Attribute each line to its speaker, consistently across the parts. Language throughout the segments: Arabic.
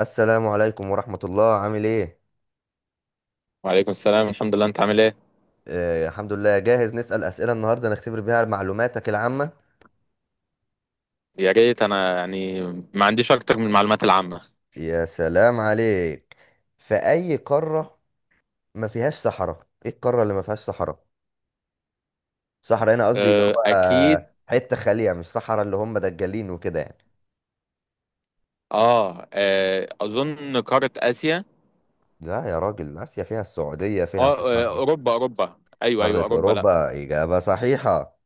Speaker 1: السلام عليكم ورحمة الله، عامل ايه؟
Speaker 2: وعليكم السلام، الحمد لله. انت عامل ايه؟
Speaker 1: الحمد لله، جاهز. نسأل أسئلة النهاردة نختبر بيها معلوماتك العامة.
Speaker 2: يا ريت. انا يعني ما عنديش اكتر من المعلومات العامة.
Speaker 1: يا سلام عليك! في أي قارة ما فيهاش صحراء؟ ايه القارة اللي ما فيهاش صحراء؟ صحراء هنا قصدي اللي هو
Speaker 2: اه، اكيد.
Speaker 1: حتة خالية، مش صحراء اللي هم دجالين وكده يعني.
Speaker 2: اه، اظن قارة اسيا.
Speaker 1: لا يا راجل، آسيا فيها السعودية فيها
Speaker 2: اه،
Speaker 1: صحراء.
Speaker 2: اوروبا اوروبا، ايوه ايوه،
Speaker 1: قارة
Speaker 2: اوروبا، لا.
Speaker 1: أوروبا إجابة صحيحة.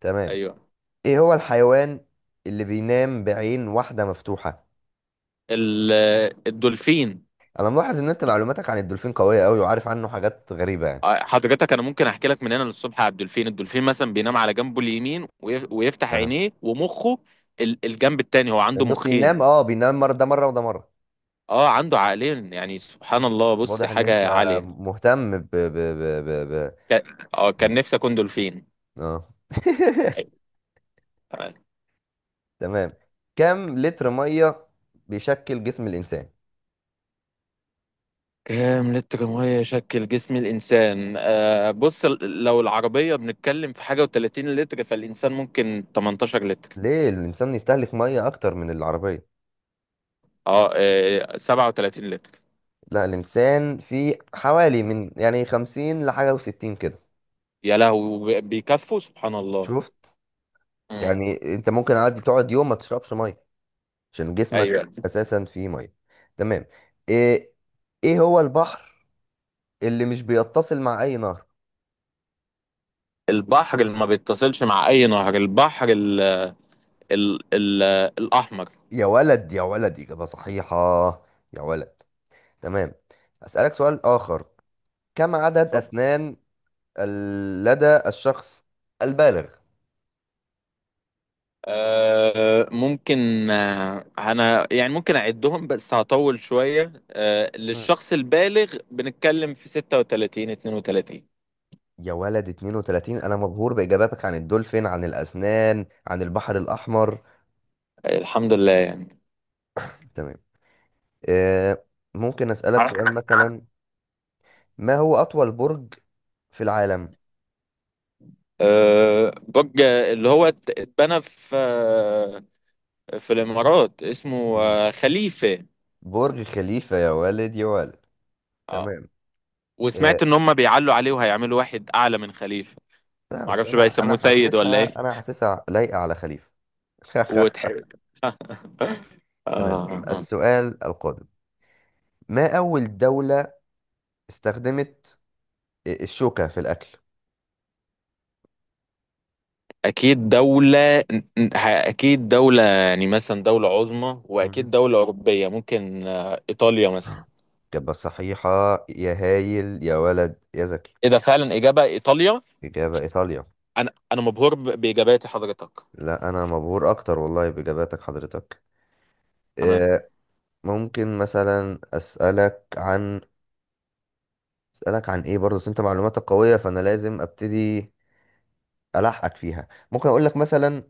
Speaker 1: تمام.
Speaker 2: ايوه.
Speaker 1: ايه هو الحيوان اللي بينام بعين واحدة مفتوحة؟
Speaker 2: ال- الدولفين.
Speaker 1: انا ملاحظ ان انت معلوماتك عن الدولفين قويه قوي، وعارف عنه حاجات غريبه يعني.
Speaker 2: اه، حضرتك انا ممكن احكي لك من هنا للصبح على الدولفين. الدولفين مثلا بينام على جنبه اليمين، ويفتح
Speaker 1: أه.
Speaker 2: عينيه ومخه. الجنب التاني، هو عنده
Speaker 1: النص ينام،
Speaker 2: مخين.
Speaker 1: بينام مره ده مره وده مره.
Speaker 2: اه، عنده عقلين، يعني سبحان الله. بص،
Speaker 1: واضح ان انت
Speaker 2: حاجة عالية.
Speaker 1: مهتم ب ب, ب...
Speaker 2: ك- اه كان نفسي اكون دولفين.
Speaker 1: اه تمام. كم لتر ميه بيشكل جسم الانسان؟
Speaker 2: كام لتر ميه يشكل جسم الانسان؟ بص، لو العربيه بنتكلم في حاجه و30 لتر، فالانسان ممكن 18 لتر.
Speaker 1: ليه الانسان يستهلك ميه اكتر من العربيه؟
Speaker 2: 37 لتر.
Speaker 1: لا، الانسان فيه حوالي من يعني 50 لحاجه و60 كده.
Speaker 2: يا لهوي، بيكفوا؟ سبحان الله.
Speaker 1: شفت؟
Speaker 2: مم.
Speaker 1: يعني انت ممكن عادي تقعد يوم ما تشربش ميه، عشان جسمك
Speaker 2: ايوه.
Speaker 1: اساسا فيه ميه. تمام. ايه ايه هو البحر اللي مش بيتصل مع اي نهر؟
Speaker 2: البحر اللي ما بيتصلش مع اي نهر، البحر ال الاحمر.
Speaker 1: يا ولد يا ولد، اجابه صحيحه. يا ولد. تمام. اسالك سؤال اخر. كم عدد
Speaker 2: اتفضل.
Speaker 1: اسنان لدى الشخص البالغ؟
Speaker 2: ممكن، انا يعني ممكن اعدهم بس هطول شويه.
Speaker 1: مم.
Speaker 2: للشخص البالغ بنتكلم في 36، 32.
Speaker 1: يا ولد، 32! انا مبهور باجاباتك عن الدولفين، عن الاسنان، عن البحر الاحمر.
Speaker 2: الحمد لله يعني.
Speaker 1: تمام. إيه، ممكن اسالك
Speaker 2: عارف
Speaker 1: سؤال
Speaker 2: أنا-
Speaker 1: مثلا؟ ما هو اطول برج في العالم؟
Speaker 2: برج اللي هو اتبنى في، في الامارات، اسمه،
Speaker 1: مم.
Speaker 2: خليفه.
Speaker 1: برج خليفة، يا والد يا والد.
Speaker 2: اه
Speaker 1: تمام. آه،
Speaker 2: وسمعت ان هم بيعلوا عليه وهيعملوا واحد اعلى من خليفه.
Speaker 1: لا بس
Speaker 2: معرفش بقى
Speaker 1: انا
Speaker 2: يسموه سيد ولا ايه.
Speaker 1: حاسسها انا حاسسها لايقة على خليفة.
Speaker 2: وتحب
Speaker 1: تمام.
Speaker 2: آه.
Speaker 1: السؤال القادم، ما اول دولة استخدمت الشوكة في الاكل؟
Speaker 2: اكيد دولة اكيد دولة، يعني مثلا دولة عظمى،
Speaker 1: مهم.
Speaker 2: واكيد دولة اوروبية، ممكن، ايطاليا مثلا.
Speaker 1: إجابة صحيحة. يا هايل يا ولد يا زكي!
Speaker 2: ايه ده، فعلا اجابة ايطاليا؟
Speaker 1: إجابة إيطاليا.
Speaker 2: انا مبهور باجاباتي حضرتك.
Speaker 1: لا، أنا مبهور أكتر والله بإجاباتك حضرتك. آه، ممكن مثلا أسألك عن، أسألك عن إيه برضه؟ بس أنت معلوماتك قوية فأنا لازم أبتدي ألحقك فيها. ممكن أقول لك مثلا،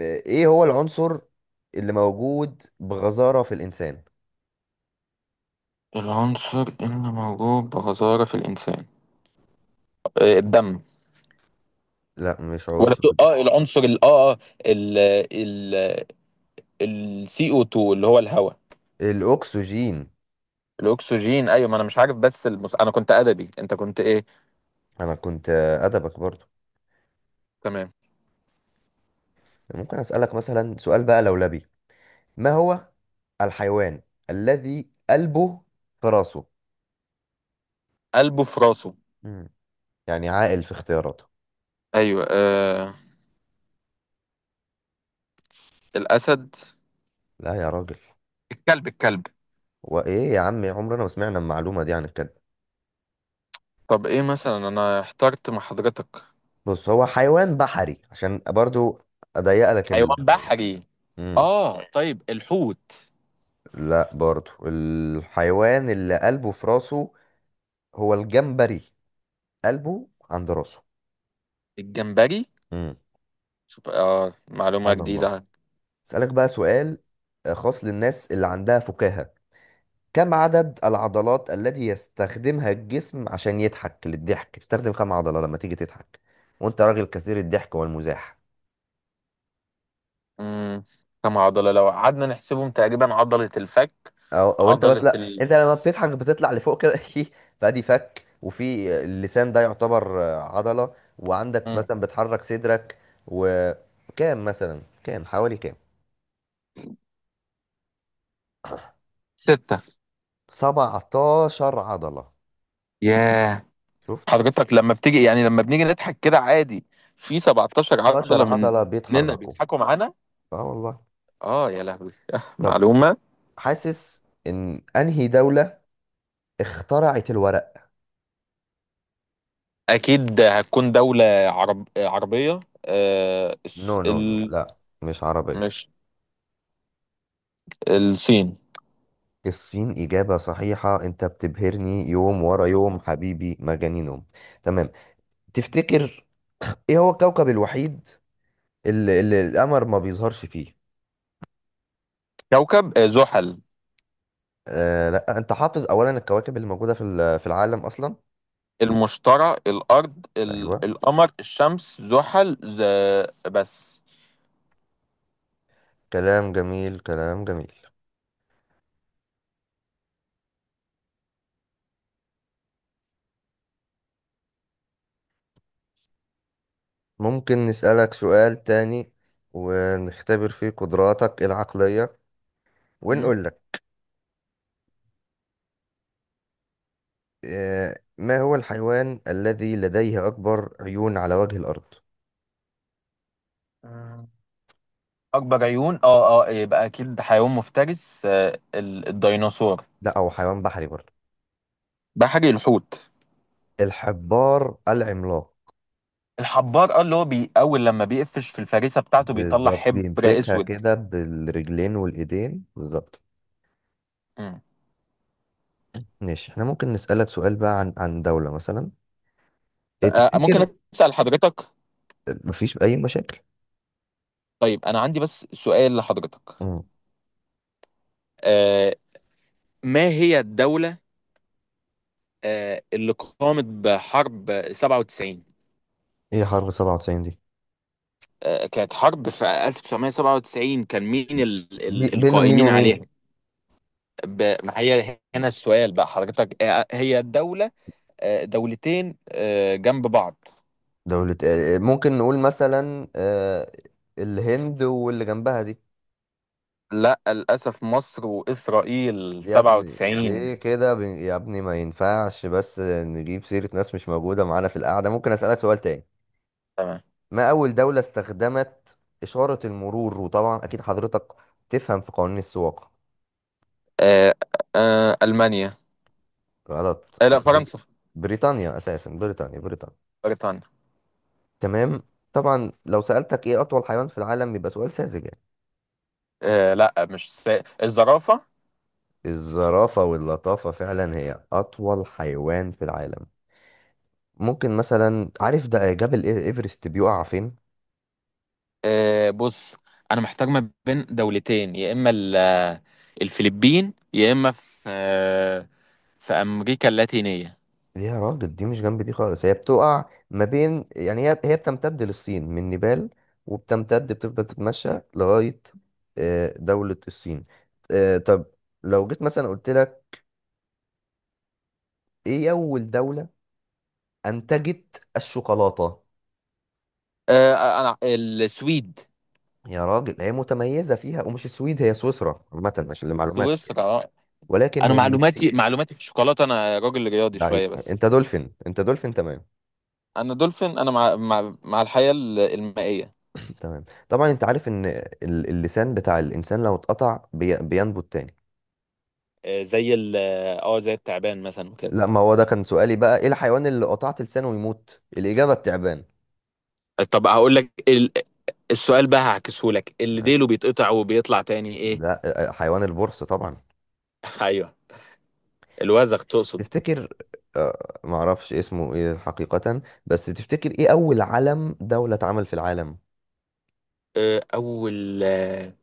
Speaker 1: إيه هو العنصر اللي موجود بغزارة في الإنسان؟
Speaker 2: العنصر اللي موجود بغزارة في الإنسان؟ الدم.
Speaker 1: لا، مش
Speaker 2: ولا
Speaker 1: عنصر
Speaker 2: بتقول،
Speaker 1: ده.
Speaker 2: العنصر ال اه اه ال ال ال CO2 اللي هو الهواء.
Speaker 1: الأكسجين.
Speaker 2: الاكسجين، ايوه. ما انا مش عارف. بس انا كنت ادبي، انت كنت ايه؟
Speaker 1: أنا كنت أدبك برضو.
Speaker 2: تمام.
Speaker 1: ممكن أسألك مثلا سؤال بقى لولبي. ما هو الحيوان الذي قلبه في راسه؟
Speaker 2: قلبه في راسه؟
Speaker 1: مم. يعني عاقل في اختياراته.
Speaker 2: أيوة، الأسد.
Speaker 1: لا يا راجل.
Speaker 2: الكلب، الكلب.
Speaker 1: وإيه يا عم، عمرنا ما سمعنا المعلومة دي عن الكلب.
Speaker 2: طب، إيه مثلا؟ أنا احترت مع حضرتك.
Speaker 1: بص، هو حيوان بحري، عشان برضو أضيق لك
Speaker 2: حيوان
Speaker 1: المعلومة.
Speaker 2: بحري؟
Speaker 1: مم.
Speaker 2: اه طيب، الحوت.
Speaker 1: لا، برضو الحيوان اللي قلبه في راسه هو الجمبري. قلبه عند راسه.
Speaker 2: الجمبري؟
Speaker 1: امم.
Speaker 2: شوف، معلومة
Speaker 1: سبحان الله.
Speaker 2: جديدة.
Speaker 1: اسألك بقى سؤال خاص للناس اللي عندها فكاهة. كم عدد العضلات التي يستخدمها الجسم عشان يضحك؟ للضحك بتستخدم كم عضلة لما تيجي تضحك، وانت راجل كثير الضحك والمزاح.
Speaker 2: امم. كم عضلة؟ لو قعدنا نحسبهم، تقريبا عضلة الفك،
Speaker 1: او انت
Speaker 2: عضلة
Speaker 1: بس، لا انت لما بتضحك بتطلع لفوق كده فادي فك وفي اللسان، ده يعتبر عضلة. وعندك
Speaker 2: مم.
Speaker 1: مثلا بتحرك صدرك. وكام مثلا، كام حوالي، كام؟
Speaker 2: ستة.
Speaker 1: 17 عضلة.
Speaker 2: ياه.
Speaker 1: شفت؟
Speaker 2: حضرتك لما بتيجي، يعني لما بنيجي نضحك كده عادي، في 17
Speaker 1: 17
Speaker 2: عضلة
Speaker 1: عضلة
Speaker 2: مننا
Speaker 1: بيتحركوا.
Speaker 2: بيضحكوا معانا.
Speaker 1: اه والله.
Speaker 2: اه، يا لهوي
Speaker 1: طب،
Speaker 2: معلومة.
Speaker 1: حاسس ان انهي دولة اخترعت الورق؟
Speaker 2: أكيد هتكون دولة عربية،
Speaker 1: نو نو نو، لا، مش عربية.
Speaker 2: مش. الصين.
Speaker 1: الصين إجابة صحيحة. أنت بتبهرني يوم ورا يوم حبيبي، مجانينهم. تمام. تفتكر ايه هو الكوكب الوحيد اللي القمر ما بيظهرش فيه؟
Speaker 2: كوكب زحل.
Speaker 1: لا، انت حافظ اولا الكواكب اللي موجودة في في العالم اصلا؟
Speaker 2: المشتري، الأرض،
Speaker 1: ايوه.
Speaker 2: القمر، الشمس، زحل، بس.
Speaker 1: كلام جميل، كلام جميل. ممكن نسألك سؤال تاني ونختبر فيه قدراتك العقلية ونقول لك، ما هو الحيوان الذي لديه اكبر عيون على وجه الارض؟
Speaker 2: مم. اكبر عيون؟ اه يبقى اكيد حيوان مفترس. الديناصور.
Speaker 1: لا، هو حيوان بحري برضه.
Speaker 2: ده حاجة، الحوت.
Speaker 1: الحبار العملاق.
Speaker 2: الحبار، اللي هو اول، لما بيقفش في الفريسة بتاعته بيطلع
Speaker 1: بالظبط،
Speaker 2: حبر
Speaker 1: بيمسكها
Speaker 2: اسود.
Speaker 1: كده بالرجلين والايدين بالظبط.
Speaker 2: مم.
Speaker 1: ماشي، احنا ممكن نسألك سؤال بقى عن دولة مثلا. إيه
Speaker 2: ممكن
Speaker 1: تفتكر؟
Speaker 2: اسأل حضرتك؟
Speaker 1: مفيش أي مشاكل؟
Speaker 2: طيب، انا عندي بس سؤال لحضرتك.
Speaker 1: مم.
Speaker 2: آه، ما هي الدولة، اللي قامت بحرب 97؟
Speaker 1: ايه حرب 97 دي؟
Speaker 2: كانت حرب في 1997، كان مين
Speaker 1: بين مين
Speaker 2: القائمين
Speaker 1: ومين؟
Speaker 2: عليها؟ ما هي، هنا السؤال بقى حضرتك. هي الدولة، دولتين، جنب بعض.
Speaker 1: دولة ممكن نقول مثلا الهند واللي جنبها دي.
Speaker 2: لا، للأسف، مصر وإسرائيل
Speaker 1: يا ابني ليه
Speaker 2: 97.
Speaker 1: كده، يا ابني، ما ينفعش بس نجيب سيرة ناس مش موجودة معانا في القعدة. ممكن أسألك سؤال تاني،
Speaker 2: تمام.
Speaker 1: ما أول دولة استخدمت إشارة المرور؟ وطبعا أكيد حضرتك تفهم في قوانين السواقة.
Speaker 2: آه، ألمانيا.
Speaker 1: غلط.
Speaker 2: لا، فرنسا.
Speaker 1: بريطانيا أساسا، بريطانيا بريطانيا.
Speaker 2: بريطانيا.
Speaker 1: تمام. طبعا لو سألتك ايه أطول حيوان في العالم يبقى سؤال ساذج يعني.
Speaker 2: لا، مش س... الزرافة.
Speaker 1: الزرافة واللطافة، فعلا هي أطول حيوان في العالم. ممكن مثلا، عارف ده جبل إيفرست بيقع فين؟
Speaker 2: بص، أنا محتار ما بين دولتين، يا إما الفلبين، يا إما في، في أمريكا اللاتينية.
Speaker 1: يا راجل، دي مش جنب دي خالص. هي بتقع ما بين يعني، هي بتمتد للصين من نيبال. وبتمتد بتفضل تتمشى لغاية دولة الصين. طب، لو جيت مثلا قلت لك ايه أول دولة أنتجت الشوكولاتة؟
Speaker 2: آه، أنا السويد.
Speaker 1: يا راجل، هي متميزة فيها، ومش السويد، هي سويسرا عامة عشان لمعلوماتك يعني.
Speaker 2: سويسرا، آه.
Speaker 1: ولكن
Speaker 2: أنا
Speaker 1: هي
Speaker 2: معلوماتي
Speaker 1: المكسيك.
Speaker 2: معلوماتي في الشوكولاتة، أنا راجل رياضي شوية
Speaker 1: ضعيف
Speaker 2: بس.
Speaker 1: انت، دولفين انت، دولفين. تمام.
Speaker 2: انا دولفين، انا مع الحياة المائية.
Speaker 1: تمام. طبعا انت عارف ان اللسان بتاع الانسان لو اتقطع بينبت تاني.
Speaker 2: زي ال اه زي التعبان مثلا وكده.
Speaker 1: لا، ما هو ده كان سؤالي بقى، ايه الحيوان اللي قطعت لسانه ويموت؟ الاجابة التعبان.
Speaker 2: طب هقول لك السؤال بقى هعكسه لك، اللي ديله بيتقطع وبيطلع تاني، ايه؟
Speaker 1: لا، حيوان البرص طبعا.
Speaker 2: ايوه. الوزغ تقصد؟
Speaker 1: تفتكر معرفش اسمه ايه حقيقة، بس تفتكر ايه اول علم دولة اتعمل في العالم؟
Speaker 2: اول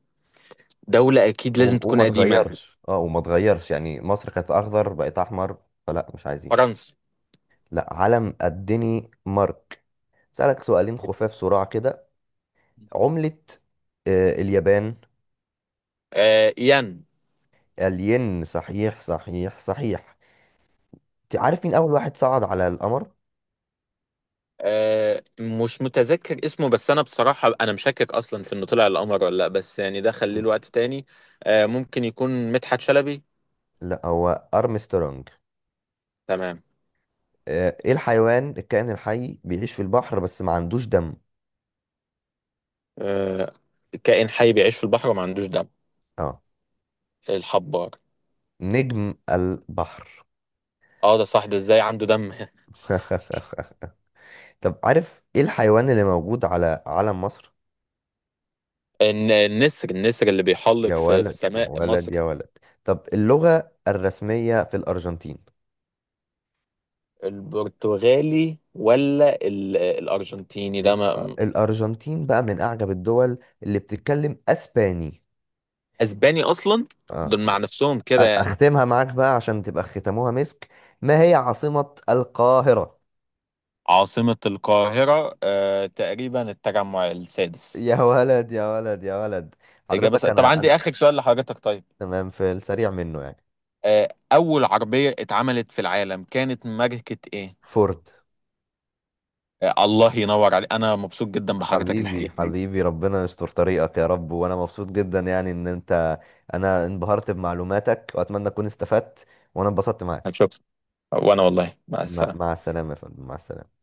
Speaker 2: دولة، اكيد لازم تكون
Speaker 1: وما
Speaker 2: قديمة.
Speaker 1: تغيرش، وما تغيرش، يعني مصر كانت اخضر بقت احمر فلا مش عايزين.
Speaker 2: فرنسا.
Speaker 1: لا، علم قدني مارك. سألك سؤالين خفاف سرعة كده. عملة اليابان؟
Speaker 2: ين.
Speaker 1: الين صحيح صحيح صحيح. انت عارف مين اول واحد صعد على القمر؟
Speaker 2: مش متذكر اسمه، بس انا بصراحة انا مشكك اصلا في انه طلع القمر ولا لا. بس يعني ده خليه
Speaker 1: مم.
Speaker 2: لوقت تاني. ممكن يكون مدحت شلبي.
Speaker 1: لا، هو ارمسترونج.
Speaker 2: تمام.
Speaker 1: ايه الحيوان الكائن الحي بيعيش في البحر بس ما عندوش دم؟
Speaker 2: آه، كائن حي بيعيش في البحر وما عندوش دم؟
Speaker 1: اه،
Speaker 2: الحبار.
Speaker 1: نجم البحر.
Speaker 2: اه، ده صح؟ ده ازاي عنده دم؟
Speaker 1: طب عارف ايه الحيوان اللي موجود على علم مصر؟
Speaker 2: النسر اللي بيحلق
Speaker 1: يا
Speaker 2: في
Speaker 1: ولد يا
Speaker 2: سماء
Speaker 1: ولد
Speaker 2: مصر.
Speaker 1: يا ولد! طب اللغة الرسمية في الأرجنتين؟
Speaker 2: البرتغالي، ولا الارجنتيني ده؟
Speaker 1: ال-
Speaker 2: ما
Speaker 1: الأرجنتين بقى من أعجب الدول اللي بتتكلم أسباني.
Speaker 2: اسباني اصلا؟ دول
Speaker 1: آه.
Speaker 2: مع نفسهم كده يعني.
Speaker 1: أختمها معاك بقى عشان تبقى ختموها مسك. ما هي عاصمة القاهرة؟
Speaker 2: عاصمة القاهرة، تقريبا التجمع السادس.
Speaker 1: يا ولد يا ولد يا ولد! حضرتك
Speaker 2: طب
Speaker 1: أنا.
Speaker 2: عندي آخر سؤال لحضرتك، طيب.
Speaker 1: تمام، في السريع منه يعني.
Speaker 2: أول عربية اتعملت في العالم كانت ماركة إيه؟
Speaker 1: فورد.
Speaker 2: الله ينور عليك، أنا مبسوط جدا بحضرتك
Speaker 1: حبيبي
Speaker 2: الحقيقة.
Speaker 1: حبيبي، ربنا يستر طريقك يا رب. وانا مبسوط جدا يعني ان انت، انا انبهرت بمعلوماتك واتمنى اكون استفدت. وانا انبسطت معاك.
Speaker 2: هتشوف. وانا والله. مع
Speaker 1: مع
Speaker 2: السلامة.
Speaker 1: مع السلامة يا فندم، مع السلامة.